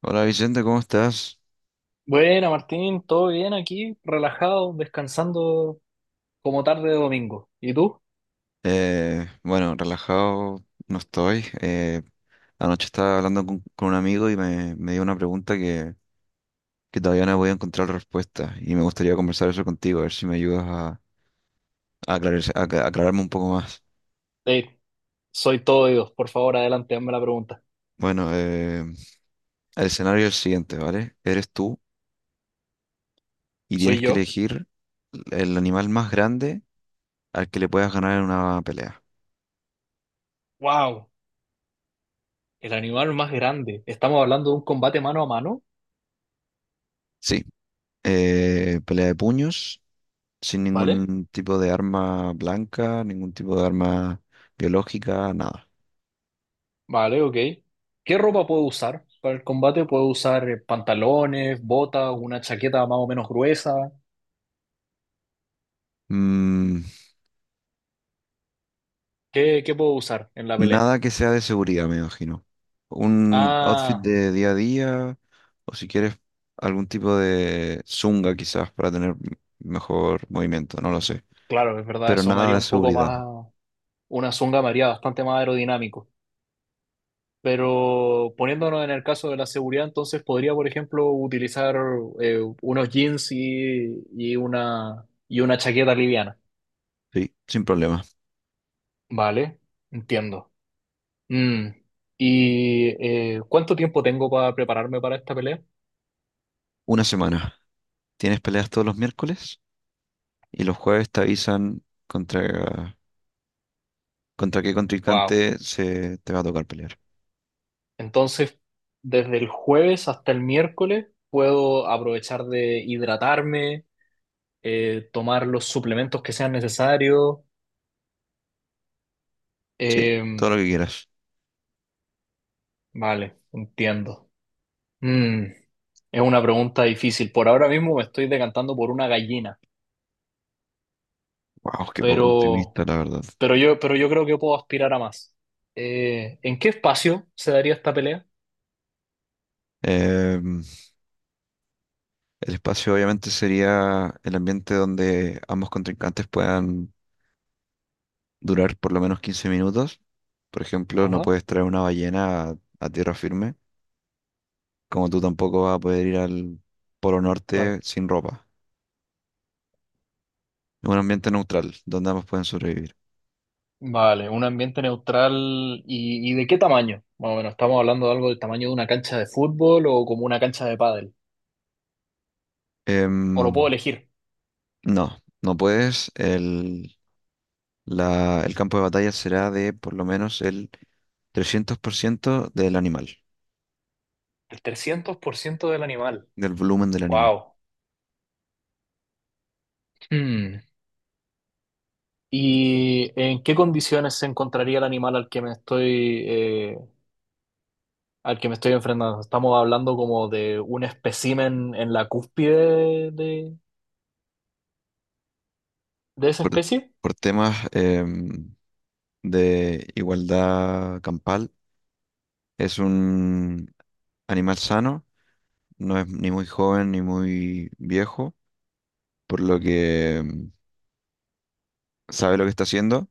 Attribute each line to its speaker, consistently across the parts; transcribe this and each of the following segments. Speaker 1: Hola Vicente, ¿cómo estás?
Speaker 2: Bueno, Martín, todo bien aquí, relajado, descansando como tarde de domingo. ¿Y tú?
Speaker 1: Bueno, relajado no estoy. Anoche estaba hablando con un amigo y me dio una pregunta que todavía no voy a encontrar respuesta y me gustaría conversar eso contigo, a ver si me ayudas a aclararme un poco más.
Speaker 2: Ey, soy todo oídos. Por favor, adelante, hazme la pregunta.
Speaker 1: Bueno, el escenario es el siguiente, ¿vale? Eres tú y
Speaker 2: ¿Soy
Speaker 1: tienes que
Speaker 2: yo?
Speaker 1: elegir el animal más grande al que le puedas ganar en una pelea.
Speaker 2: ¡Wow! El animal más grande. Estamos hablando de un combate mano a mano,
Speaker 1: Sí, pelea de puños sin
Speaker 2: ¿vale?
Speaker 1: ningún tipo de arma blanca, ningún tipo de arma biológica, nada.
Speaker 2: Vale, ok. ¿Qué ropa puedo usar para el combate? ¿Puedo usar pantalones, botas, una chaqueta más o menos gruesa?
Speaker 1: Mm,
Speaker 2: ¿Qué puedo usar en la pelea?
Speaker 1: Nada que sea de seguridad, me imagino. Un outfit
Speaker 2: Ah,
Speaker 1: de día a día, o si quieres, algún tipo de zunga quizás para tener mejor movimiento, no lo sé.
Speaker 2: claro, es verdad,
Speaker 1: Pero
Speaker 2: eso me
Speaker 1: nada
Speaker 2: haría
Speaker 1: de
Speaker 2: un poco
Speaker 1: seguridad,
Speaker 2: más, una zunga me haría bastante más aerodinámico. Pero poniéndonos en el caso de la seguridad, entonces podría, por ejemplo, utilizar unos jeans y una chaqueta liviana.
Speaker 1: sí, sin problema.
Speaker 2: Vale, entiendo. Mm, ¿Y cuánto tiempo tengo para prepararme para esta pelea?
Speaker 1: Una semana. Tienes peleas todos los miércoles y los jueves te avisan contra qué
Speaker 2: Wow.
Speaker 1: contrincante se te va a tocar pelear.
Speaker 2: Entonces, desde el jueves hasta el miércoles puedo aprovechar de hidratarme, tomar los suplementos que sean necesarios.
Speaker 1: Sí, todo
Speaker 2: Em,
Speaker 1: lo que quieras.
Speaker 2: vale, entiendo. Mm. Es una pregunta difícil. Por ahora mismo me estoy decantando por una gallina,
Speaker 1: Wow, qué poco
Speaker 2: pero,
Speaker 1: optimista, la verdad.
Speaker 2: pero yo creo que puedo aspirar a más. ¿En qué espacio se daría esta pelea?
Speaker 1: Em, el espacio obviamente sería el ambiente donde ambos contrincantes puedan durar por lo menos 15 minutos. Por ejemplo, no
Speaker 2: Ajá.
Speaker 1: puedes traer una ballena a tierra firme, como tú tampoco vas a poder ir al Polo
Speaker 2: Claro.
Speaker 1: Norte sin ropa. Es un ambiente neutral, donde ambos pueden sobrevivir.
Speaker 2: Vale, un ambiente neutral y ¿de qué tamaño? Bueno, bueno, estamos hablando de algo del tamaño de una cancha de fútbol o como una cancha de pádel. O lo puedo
Speaker 1: Em,
Speaker 2: elegir.
Speaker 1: no, no puedes. El campo de batalla será de por lo menos el 300%
Speaker 2: El 300% del animal.
Speaker 1: del volumen del animal.
Speaker 2: Wow. Hmm. ¿Y en qué condiciones se encontraría el animal al que me estoy al que me estoy enfrentando? Estamos hablando como de un espécimen en la cúspide de esa especie.
Speaker 1: Por temas de igualdad campal. Es un animal sano, no es ni muy joven ni muy viejo, por lo que sabe lo que está haciendo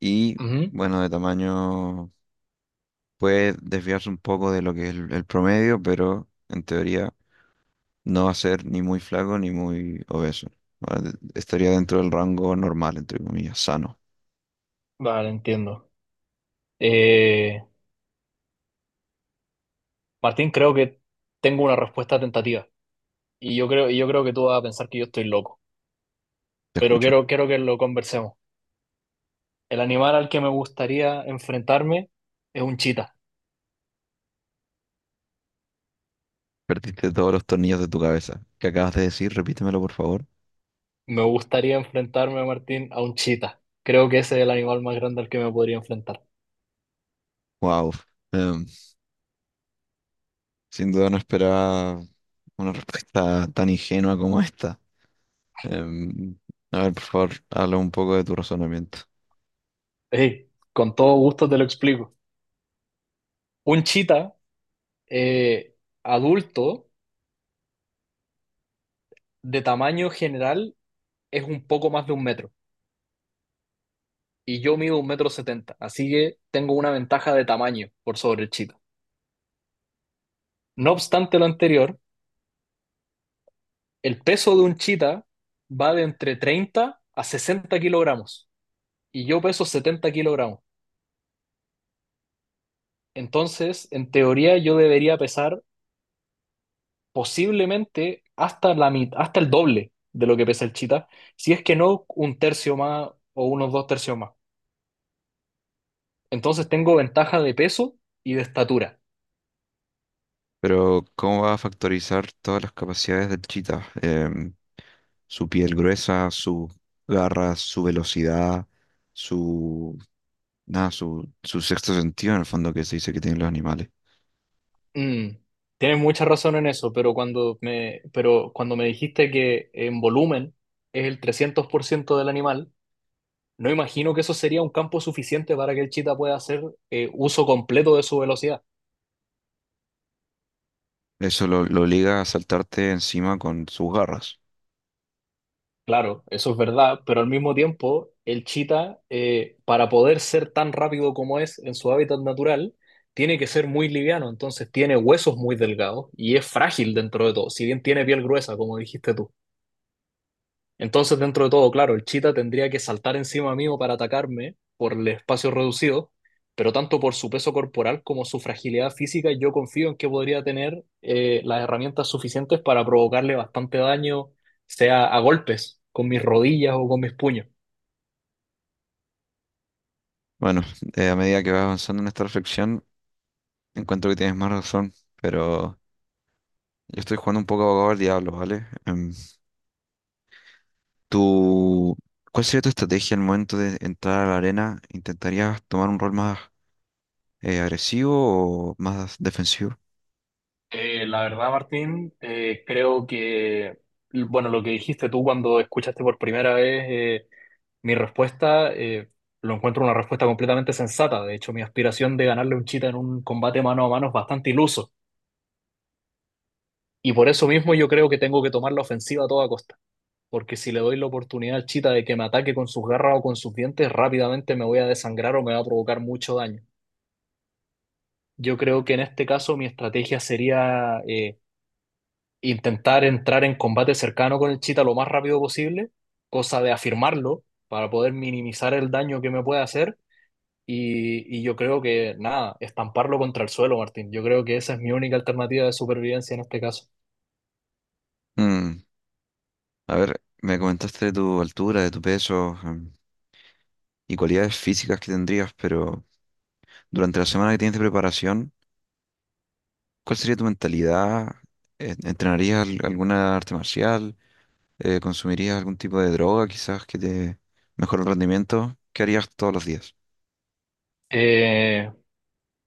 Speaker 1: y,
Speaker 2: Ujú.
Speaker 1: bueno, de tamaño puede desviarse un poco de lo que es el promedio, pero en teoría no va a ser ni muy flaco ni muy obeso. ¿Vale? Estaría dentro del rango normal, entre comillas, sano.
Speaker 2: Vale, entiendo. Eh, Martín, creo que tengo una respuesta tentativa. Y yo creo que tú vas a pensar que yo estoy loco.
Speaker 1: Te
Speaker 2: Pero
Speaker 1: escucho.
Speaker 2: quiero que lo conversemos. El animal al que me gustaría enfrentarme es un chita.
Speaker 1: Perdiste todos los tornillos de tu cabeza. ¿Qué acabas de decir? Repítemelo, por favor.
Speaker 2: Me gustaría enfrentarme, Martín, a un chita. Creo que ese es el animal más grande al que me podría enfrentar.
Speaker 1: Wow, em, sin duda no esperaba una respuesta tan ingenua como esta. Em, a ver, por favor, habla un poco de tu razonamiento.
Speaker 2: Ey, con todo gusto te lo explico. Un chita eh, adulto de tamaño general es un poco más de un metro. Y yo mido 1,70 m, así que tengo una ventaja de tamaño por sobre el chita. No obstante lo anterior, el peso de un chita va de entre 30 a 60 kg y yo peso 70 kg. Entonces, en teoría, yo debería pesar posiblemente hasta el doble de lo que pesa el chita, si es que no un tercio más o unos dos tercios más. Entonces tengo ventaja de peso y de estatura.
Speaker 1: Pero, ¿cómo va a factorizar todas las capacidades del chita? Su piel gruesa, sus garras, su velocidad, su, nada, su sexto sentido, en el fondo, que se dice que tienen los animales.
Speaker 2: Mm, tienes mucha razón en eso, pero cuando me dijiste que en volumen es el 300% del animal, no imagino que eso sería un campo suficiente para que el chita pueda hacer uso completo de su velocidad.
Speaker 1: Eso lo obliga a saltarte encima con sus garras.
Speaker 2: Claro, eso es verdad, pero al mismo tiempo, el chita, para poder ser tan rápido como es en su hábitat natural, tiene que ser muy liviano, entonces tiene huesos muy delgados y es frágil dentro de todo, si bien tiene piel gruesa, como dijiste tú. Entonces, dentro de todo, claro, el Cheetah tendría que saltar encima mío para atacarme por el espacio reducido, pero tanto por su peso corporal como su fragilidad física, yo confío en que podría tener las herramientas suficientes para provocarle bastante daño, sea a golpes, con mis rodillas o con mis puños.
Speaker 1: Bueno, a medida que vas avanzando en esta reflexión, encuentro que tienes más razón, pero yo estoy jugando un poco abogado al diablo, ¿vale? Tú, ¿Cuál sería tu estrategia al momento de entrar a la arena? ¿Intentarías tomar un rol más agresivo o más defensivo?
Speaker 2: La verdad, Martín, creo que, bueno, lo que dijiste tú cuando escuchaste por primera vez mi respuesta, lo encuentro una respuesta completamente sensata. De hecho, mi aspiración de ganarle un chita en un combate mano a mano es bastante iluso. Y por eso mismo yo creo que tengo que tomar la ofensiva a toda costa. Porque si le doy la oportunidad al chita de que me ataque con sus garras o con sus dientes, rápidamente me voy a desangrar o me va a provocar mucho daño. Yo creo que en este caso mi estrategia sería intentar entrar en combate cercano con el chita lo más rápido posible, cosa de afirmarlo para poder minimizar el daño que me puede hacer. Y yo creo que, nada, estamparlo contra el suelo, Martín. Yo creo que esa es mi única alternativa de supervivencia en este caso.
Speaker 1: Mm, a ver, me comentaste de tu altura, de tu peso, y cualidades físicas que tendrías, pero durante la semana que tienes de preparación, ¿cuál sería tu mentalidad? ¿Entrenarías alguna arte marcial? ¿Consumirías algún tipo de droga quizás que te mejore el rendimiento? ¿Qué harías todos los días?
Speaker 2: Eh,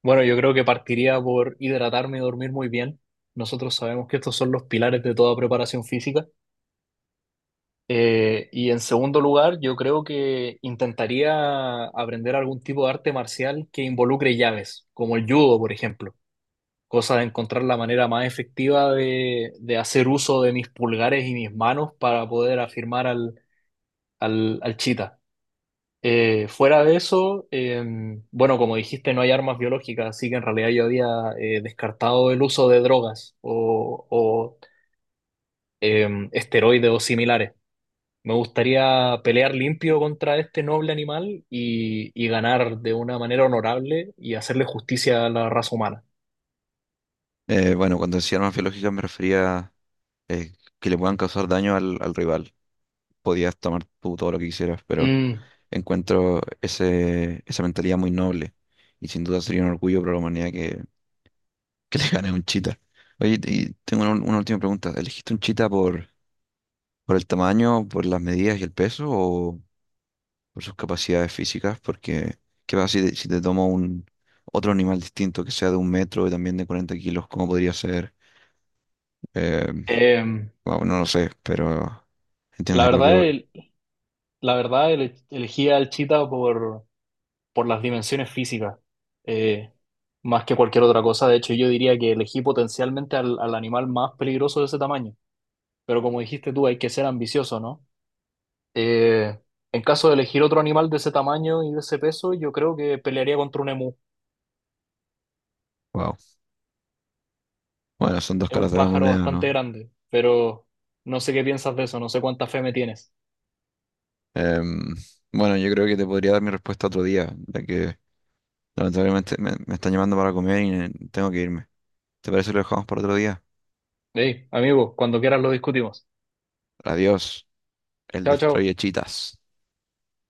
Speaker 2: bueno, yo creo que partiría por hidratarme y dormir muy bien. Nosotros sabemos que estos son los pilares de toda preparación física. Y en segundo lugar, yo creo que intentaría aprender algún tipo de arte marcial que involucre llaves, como el judo, por ejemplo. Cosa de encontrar la manera más efectiva de hacer uso de mis pulgares y mis manos para poder afirmar al chita. Fuera de eso, bueno, como dijiste, no hay armas biológicas, así que en realidad yo había descartado el uso de drogas o esteroides o similares. Me gustaría pelear limpio contra este noble animal y ganar de una manera honorable y hacerle justicia a la raza humana.
Speaker 1: Bueno, cuando decía armas biológicas me refería eh, que le puedan causar daño al rival. Podías tomar tú todo lo que quisieras, pero
Speaker 2: Mm,
Speaker 1: encuentro esa mentalidad muy noble y sin duda sería un orgullo para la humanidad que le gane a un chita. Oye, y tengo una última pregunta. ¿Elegiste un chita por el tamaño, por las medidas y el peso o por sus capacidades físicas? Porque ¿qué pasa si te, tomo un otro animal distinto que sea de 1 metro y también de 40 kilos? ¿Cómo podría ser? Eh,
Speaker 2: eh,
Speaker 1: wow, no lo sé, pero
Speaker 2: la
Speaker 1: entiendes a lo que
Speaker 2: verdad,
Speaker 1: voy.
Speaker 2: el- la verdad, elegí al chita por las dimensiones físicas, eh, más que cualquier otra cosa. De hecho, yo diría que elegí potencialmente al animal más peligroso de ese tamaño. Pero como dijiste tú, hay que ser ambicioso, ¿no? Eh, en caso de elegir otro animal de ese tamaño y de ese peso, yo creo que pelearía contra un emú.
Speaker 1: Wow. Bueno, son dos
Speaker 2: Es
Speaker 1: caras
Speaker 2: un
Speaker 1: de la
Speaker 2: pájaro
Speaker 1: moneda,
Speaker 2: bastante
Speaker 1: ¿no?
Speaker 2: grande, pero no sé qué piensas de eso, no sé cuánta fe me tienes.
Speaker 1: Em, bueno, yo creo que te podría dar mi respuesta otro día, ya que lamentablemente me están llamando para comer y tengo que irme. ¿Te parece que lo dejamos para otro día?
Speaker 2: Hey, amigo, cuando quieras lo discutimos.
Speaker 1: Adiós, el
Speaker 2: Chao, chao.
Speaker 1: destruye chitas.